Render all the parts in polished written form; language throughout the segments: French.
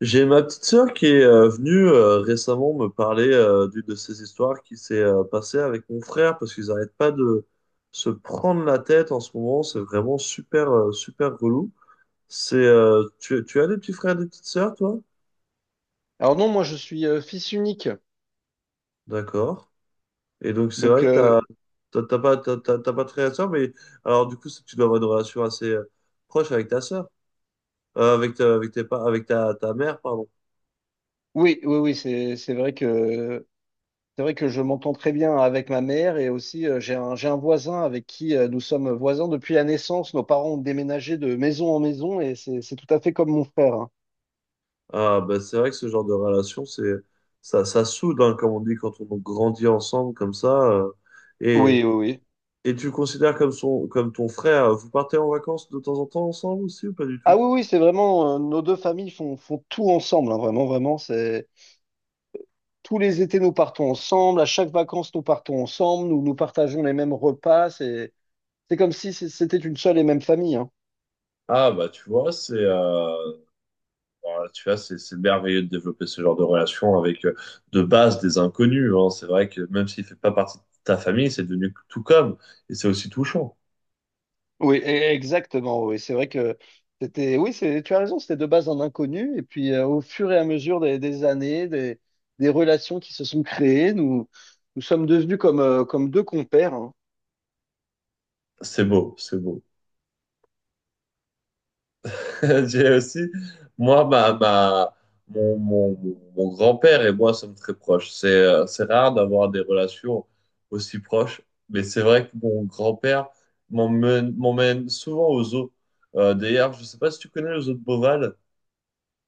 J'ai ma petite sœur qui est venue récemment me parler d'une de ces histoires qui s'est passée avec mon frère parce qu'ils n'arrêtent pas de se prendre la tête en ce moment. C'est vraiment super, super relou. Tu as des petits frères, des petites sœurs, toi? Alors non, moi je suis fils unique. D'accord. Et donc, c'est Donc vrai que euh, t'as pas de frère et sœur, mais alors, du coup, que tu dois avoir une relation assez proche avec ta sœur. Avec, ta- avec tes, pa- Avec ta mère, pardon. oui, oui, oui, c'est vrai que je m'entends très bien avec ma mère et aussi j'ai un voisin avec qui nous sommes voisins depuis la naissance. Nos parents ont déménagé de maison en maison et c'est tout à fait comme mon frère, hein. Ah, bah, c'est vrai que ce genre de relation, ça soude, hein, comme on dit, quand on grandit ensemble comme ça. Et, Oui, oui, oui. et tu le considères comme son, comme ton frère, vous partez en vacances de temps en temps ensemble aussi ou pas du tout? Ah oui, oui, c'est vraiment nos deux familles font tout ensemble, hein, vraiment, vraiment. C'est tous les étés nous partons ensemble. À chaque vacances nous partons ensemble. Nous nous partageons les mêmes repas. C'est comme si c'était une seule et même famille, hein. Ah bah tu vois c'est voilà, tu vois c'est merveilleux de développer ce genre de relation avec de base des inconnus, hein. C'est vrai que même s'il fait pas partie de ta famille c'est devenu tout comme. Et c'est aussi touchant. Oui, exactement. Oui, c'est vrai que c'était. Oui, c'est. Tu as raison. C'était de base un inconnu, et puis au fur et à mesure des années, des relations qui se sont créées, nous sommes devenus comme deux compères, hein. C'est beau, c'est beau. J'ai aussi, moi, mon, mon- mon- grand-père et moi sommes très proches. C'est rare d'avoir des relations aussi proches, mais c'est vrai que mon grand-père m'emmène souvent aux zoos. D'ailleurs, je ne sais pas si tu connais le zoo de Beauval.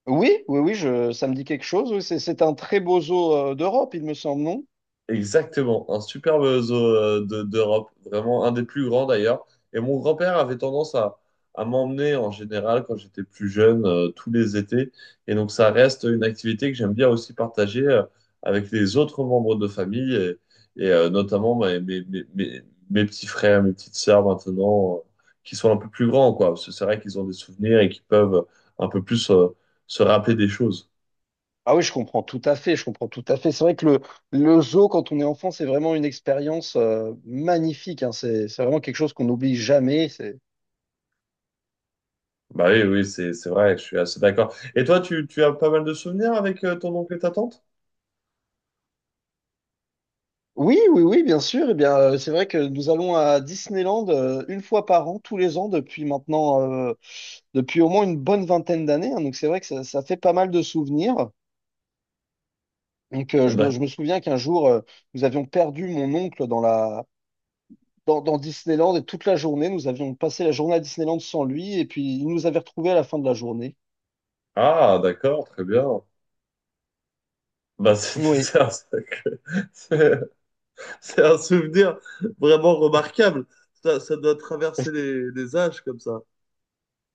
Oui, oui, oui. Ça me dit quelque chose. Oui, c'est un très beau zoo d'Europe, il me semble, non? Exactement, un superbe zoo d'Europe, vraiment un des plus grands d'ailleurs. Et mon grand-père avait tendance à m'emmener en général quand j'étais plus jeune, tous les étés. Et donc ça reste une activité que j'aime bien aussi partager avec les autres membres de famille notamment mes petits frères, mes petites sœurs maintenant, qui sont un peu plus grands, quoi. Parce que c'est vrai qu'ils ont des souvenirs et qui peuvent un peu plus se rappeler des choses. Ah oui, je comprends tout à fait. Je comprends tout à fait. C'est vrai que le zoo quand on est enfant, c'est vraiment une expérience magnifique, hein. C'est vraiment quelque chose qu'on n'oublie jamais. Bah oui, oui, c'est vrai, je suis assez d'accord. Et toi, tu as pas mal de souvenirs avec ton oncle et ta tante? Oui, oui, oui, bien sûr. Eh bien, c'est vrai que nous allons à Disneyland une fois par an, tous les ans, depuis maintenant, euh, depuis au moins une bonne vingtaine d'années, hein. Donc, c'est vrai que ça fait pas mal de souvenirs. D'ac- Je me souviens qu'un jour, nous avions perdu mon oncle dans Disneyland et toute la journée, nous avions passé la journée à Disneyland sans lui et puis il nous avait retrouvés à la fin de la journée. Ah, d'accord, très bien. Bah, c'est Oui. C'est- c'est un souvenir vraiment remarquable. Ça doit traverser les âges comme ça.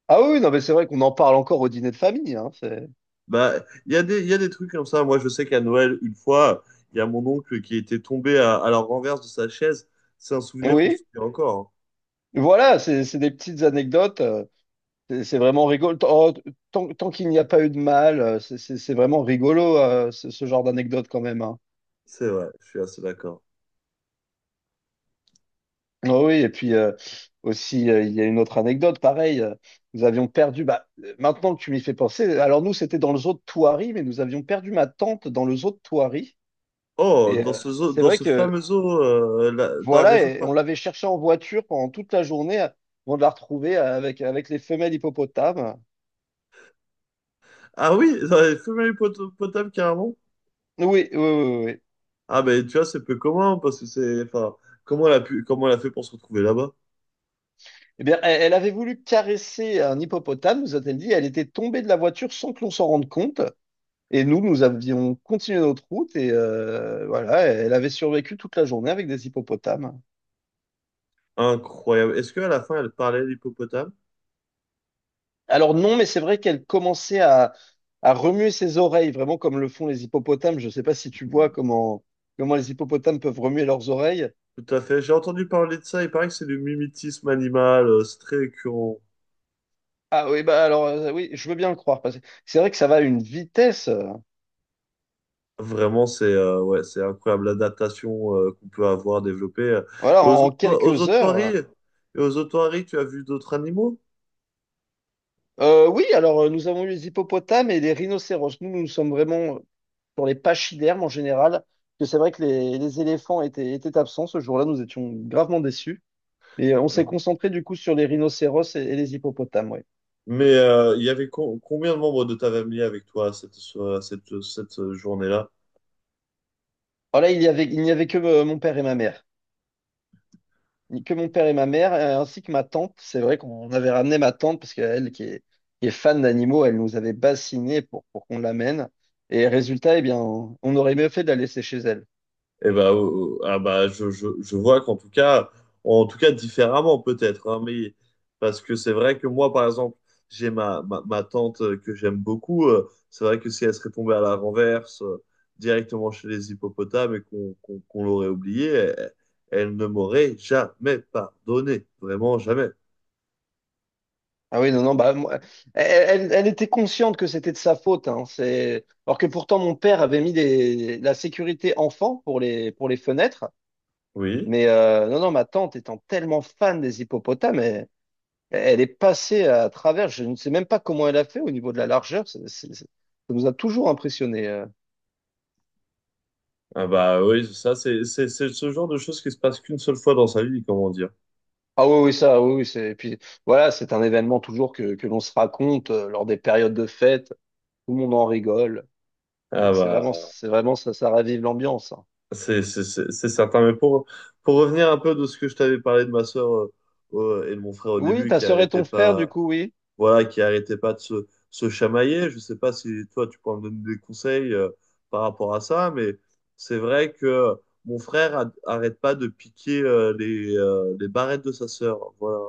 Ah oui, oui, non, mais c'est vrai qu'on en parle encore au dîner de famille. Hein, c'est... Bah, il y a des trucs comme ça. Moi, je sais qu'à Noël, une fois, il y a mon oncle qui était tombé à la renverse de sa chaise. C'est un souvenir qu'on se Oui, souvient encore, hein. voilà, c'est des petites anecdotes. C'est vraiment rigolo. Oh, tant qu'il n'y a pas eu de mal, c'est vraiment rigolo, ce genre d'anecdote quand même, hein. C'est vrai, je suis assez d'accord. Ah oui, et puis aussi, il y a une autre anecdote, pareil, nous avions perdu, maintenant que tu m'y fais penser, alors nous, c'était dans le zoo de Thoiry, mais nous avions perdu ma tante dans le zoo de Thoiry. Oh, Et c'est dans vrai ce que, fameux zoo, dans la voilà, région. et on l'avait cherchée en voiture pendant toute la journée avant de la retrouver avec les femelles hippopotames. Ah oui, ça avait femelle potable carrément. Oui, oui, oui, oui, oui. Ah ben tu vois, c'est peu commun parce que c'est. Enfin, comment elle a fait pour se retrouver là-bas? Eh bien, elle avait voulu caresser un hippopotame, nous a-t-elle dit. Elle était tombée de la voiture sans que l'on s'en rende compte. Et nous, nous avions continué notre route et voilà, elle avait survécu toute la journée avec des hippopotames. Incroyable. Est-ce qu'à la fin elle parlait l'hippopotame? Alors non, mais c'est vrai qu'elle commençait à remuer ses oreilles, vraiment comme le font les hippopotames. Je ne sais pas si tu vois comment les hippopotames peuvent remuer leurs oreilles. Tout à fait. J'ai entendu parler de ça. Il paraît que c'est du mimétisme animal. C'est très récurrent. Ah oui, bah oui, je veux bien le croire, parce que c'est vrai que ça va à une vitesse. Vraiment, c'est ouais, c'est incroyable l'adaptation, qu'on peut avoir développée. Voilà, Et aux en autres, aux quelques heures. otoiries, et aux otoiries, tu as vu d'autres animaux? Oui, nous avons eu les hippopotames et les rhinocéros. Nous sommes vraiment pour les pachydermes en général. Parce que c'est vrai que les éléphants étaient absents ce jour-là, nous étions gravement déçus. Et on s'est Voilà. concentré du coup sur les rhinocéros et les hippopotames. Ouais. Mais il y avait combien de membres de ta famille avec toi à cette, so- à cette, cette journée-là? Alors là, il n'y avait que mon père et ma mère. Que mon père et ma mère, ainsi que ma tante. C'est vrai qu'on avait ramené ma tante parce qu'elle, qui est fan d'animaux, elle nous avait bassiné pour qu'on l'amène. Et résultat, eh bien, on aurait mieux fait de la laisser chez elle. Eh ben, ah bah, je vois qu'en tout cas, en tout cas différemment peut-être, hein, mais parce que c'est vrai que moi, par exemple, j'ai ma tante que j'aime beaucoup. C'est vrai que si elle serait tombée à la renverse directement chez les hippopotames et qu'on l'aurait oubliée, elle, elle ne m'aurait jamais pardonné, vraiment jamais. Ah oui, non, non, elle était consciente que c'était de sa faute, hein, c'est... Alors que pourtant, mon père avait mis des... la sécurité enfant pour pour les fenêtres. Oui. Mais non, non, ma tante étant tellement fan des hippopotames, elle, elle est passée à travers. Je ne sais même pas comment elle a fait au niveau de la largeur. Ça nous a toujours impressionnés. Ah bah oui, ça c'est ce genre de choses qui se passe qu'une seule fois dans sa vie, comment dire. Ah oui, oui, ça, oui, oui. Et puis voilà, c'est un événement toujours que l'on se raconte lors des périodes de fête. Tout le monde en rigole. Ah C'est vraiment, bah. c'est vraiment, ça ravive l'ambiance, hein. C'est certain, mais pour revenir un peu de ce que je t'avais parlé de ma sœur et de mon frère au Oui, début, ta sœur et ton frère, du coup, oui. Qui arrêtait pas de se chamailler, je sais pas si toi tu pourras me donner des conseils par rapport à ça, mais c'est vrai que mon frère arrête pas de piquer les barrettes de sa sœur, voilà.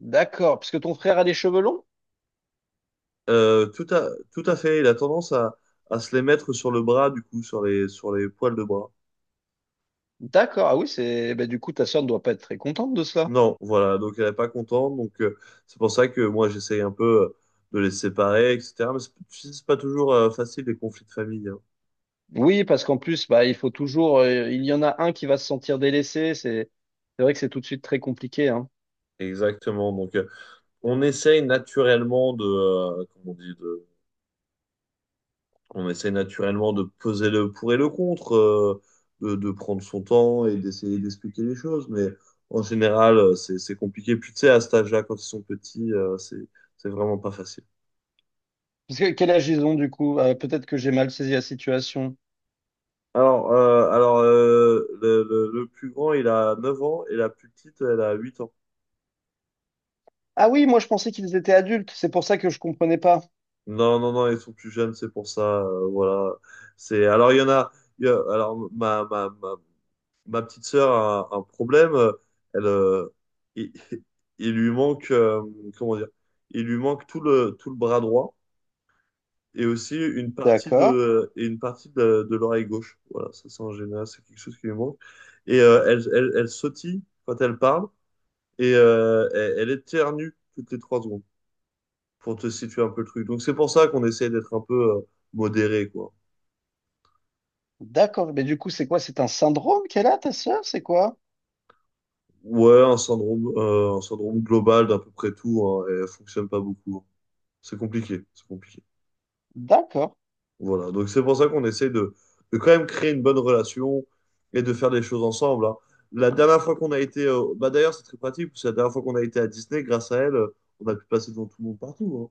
D'accord. Parce que ton frère a des cheveux longs? Tout à fait, il a tendance à se les mettre sur le bras, du coup, sur sur les poils de bras. D'accord. Ah oui, c'est, eh ben, du coup, ta sœur ne doit pas être très contente de cela. Non, voilà, donc elle n'est pas contente, donc c'est pour ça que moi j'essaye un peu de les séparer, etc. Mais c'est tu sais, c'est pas toujours facile les conflits de famille, hein. Oui, parce qu'en plus, bah, il faut toujours, il y en a un qui va se sentir délaissé. C'est vrai que c'est tout de suite très compliqué, hein. Exactement, donc on essaye naturellement de, comment on dit, on essaye naturellement de peser le pour et le contre, de prendre son temps et d'essayer d'expliquer les choses, mais en général c'est compliqué. Puis tu sais, à cet âge-là, quand ils sont petits, c'est vraiment pas facile. Parce que quel âge ils ont, du coup? Peut-être que j'ai mal saisi la situation. Alors, le plus grand, il a 9 ans et la plus petite, elle a 8 ans. Ah oui, moi, je pensais qu'ils étaient adultes. C'est pour ça que je comprenais pas. Non, non, non, ils sont plus jeunes, c'est pour ça. Voilà. Alors, il y en a. Alors, ma petite sœur a un problème. Elle, euh, il, il lui manque, comment dire, il lui manque tout tout le bras droit et aussi D'accord. Une partie de l'oreille gauche. Voilà, c'est en général, c'est quelque chose qui lui manque. Et elle sautille quand elle parle. Et elle éternue toutes les 3 secondes pour te situer un peu le truc. Donc c'est pour ça qu'on essaie d'être un peu modéré, quoi. D'accord. Mais du coup, c'est quoi? C'est un syndrome qu'elle a, ta sœur? C'est quoi? Ouais, un syndrome global d'à peu près tout, hein, et elle fonctionne pas beaucoup, hein. C'est compliqué, c'est compliqué. D'accord. Voilà, donc c'est pour ça qu'on essaie de quand même créer une bonne relation et de faire des choses ensemble, hein. La dernière fois qu'on a été, Bah d'ailleurs c'est très pratique, parce que la dernière fois qu'on a été à Disney, grâce à elle, on a pu passer devant tout le monde partout, hein.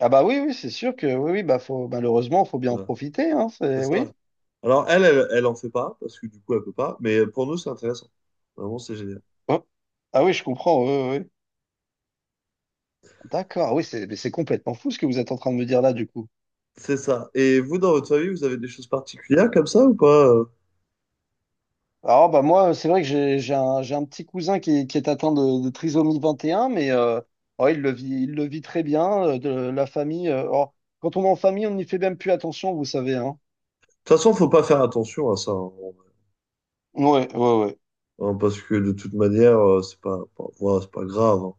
Ah bah oui, oui, c'est sûr que oui, oui, bah faut malheureusement, faut bien en Voilà. profiter, hein. C'est C'est ça. oui. Alors, elle en fait pas, parce que du coup, elle peut pas, mais pour nous, c'est intéressant. Vraiment, c'est génial. Oh. Ah oui, je comprends. Oui, oui, oui. D'accord. Ah oui, c'est mais c'est complètement fou ce que vous êtes en train de me dire là, du coup. C'est ça. Et vous, dans votre famille, vous avez des choses particulières comme ça ou pas? De Alors bah moi, c'est vrai que j'ai un petit cousin qui est atteint de trisomie 21, mais oh, il le vit très bien. De la famille. Oh, quand on est en famille, on n'y fait même plus attention, vous savez, hein. toute façon, faut pas faire attention à ça, hein, Ouais, ouais, ouais. hein, parce que de toute manière, c'est pas, pas- voilà, c'est pas grave, hein.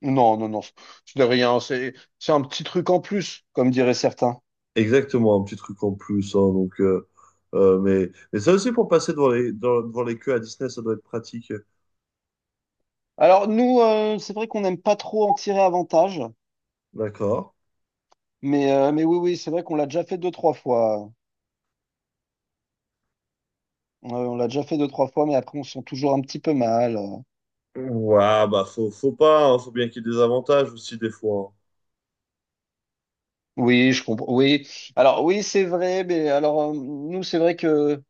Non, non, non, c'est de rien. C'est un petit truc en plus, comme diraient certains. Exactement, un petit truc en plus, hein, donc, mais ça aussi, pour passer devant devant les queues à Disney, ça doit être pratique. Alors, c'est vrai qu'on n'aime pas trop en tirer avantage, D'accord. Mais oui, oui, c'est vrai qu'on l'a déjà fait deux, trois fois. On l'a déjà fait deux, trois fois, mais après, on se sent toujours un petit peu mal. Ouais, bah, faut pas, hein, faut bien qu'il y ait des avantages aussi, des fois, hein. Oui, je comprends. Oui. Alors, oui, c'est vrai, mais alors, nous, c'est vrai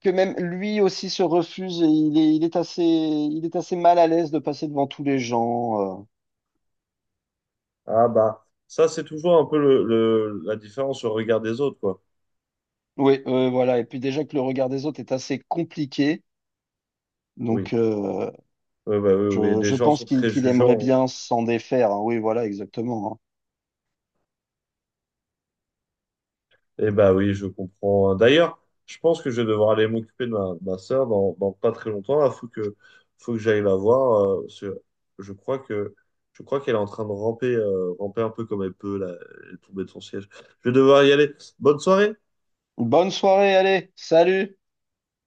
que même lui aussi se refuse et il est assez mal à l'aise de passer devant tous les gens. Ah bah, ça c'est toujours un peu la différence au regard des autres, quoi. Oui, voilà. Et puis, déjà que le regard des autres est assez compliqué. Oui. Donc, euh, Ouais, bah, oui, oui, les je gens sont pense très qu'il aimerait jugeants. bien s'en défaire, hein. Oui, voilà, exactement, hein. Et bah oui, je comprends, hein. D'ailleurs, je pense que je vais devoir aller m'occuper de ma sœur dans pas très longtemps. Faut que j'aille la voir. Parce que je crois que, je crois qu'elle est en train de ramper, ramper un peu comme elle peut, là, elle est tombée de son siège. Je vais devoir y aller. Bonne soirée! Bonne soirée, allez, salut!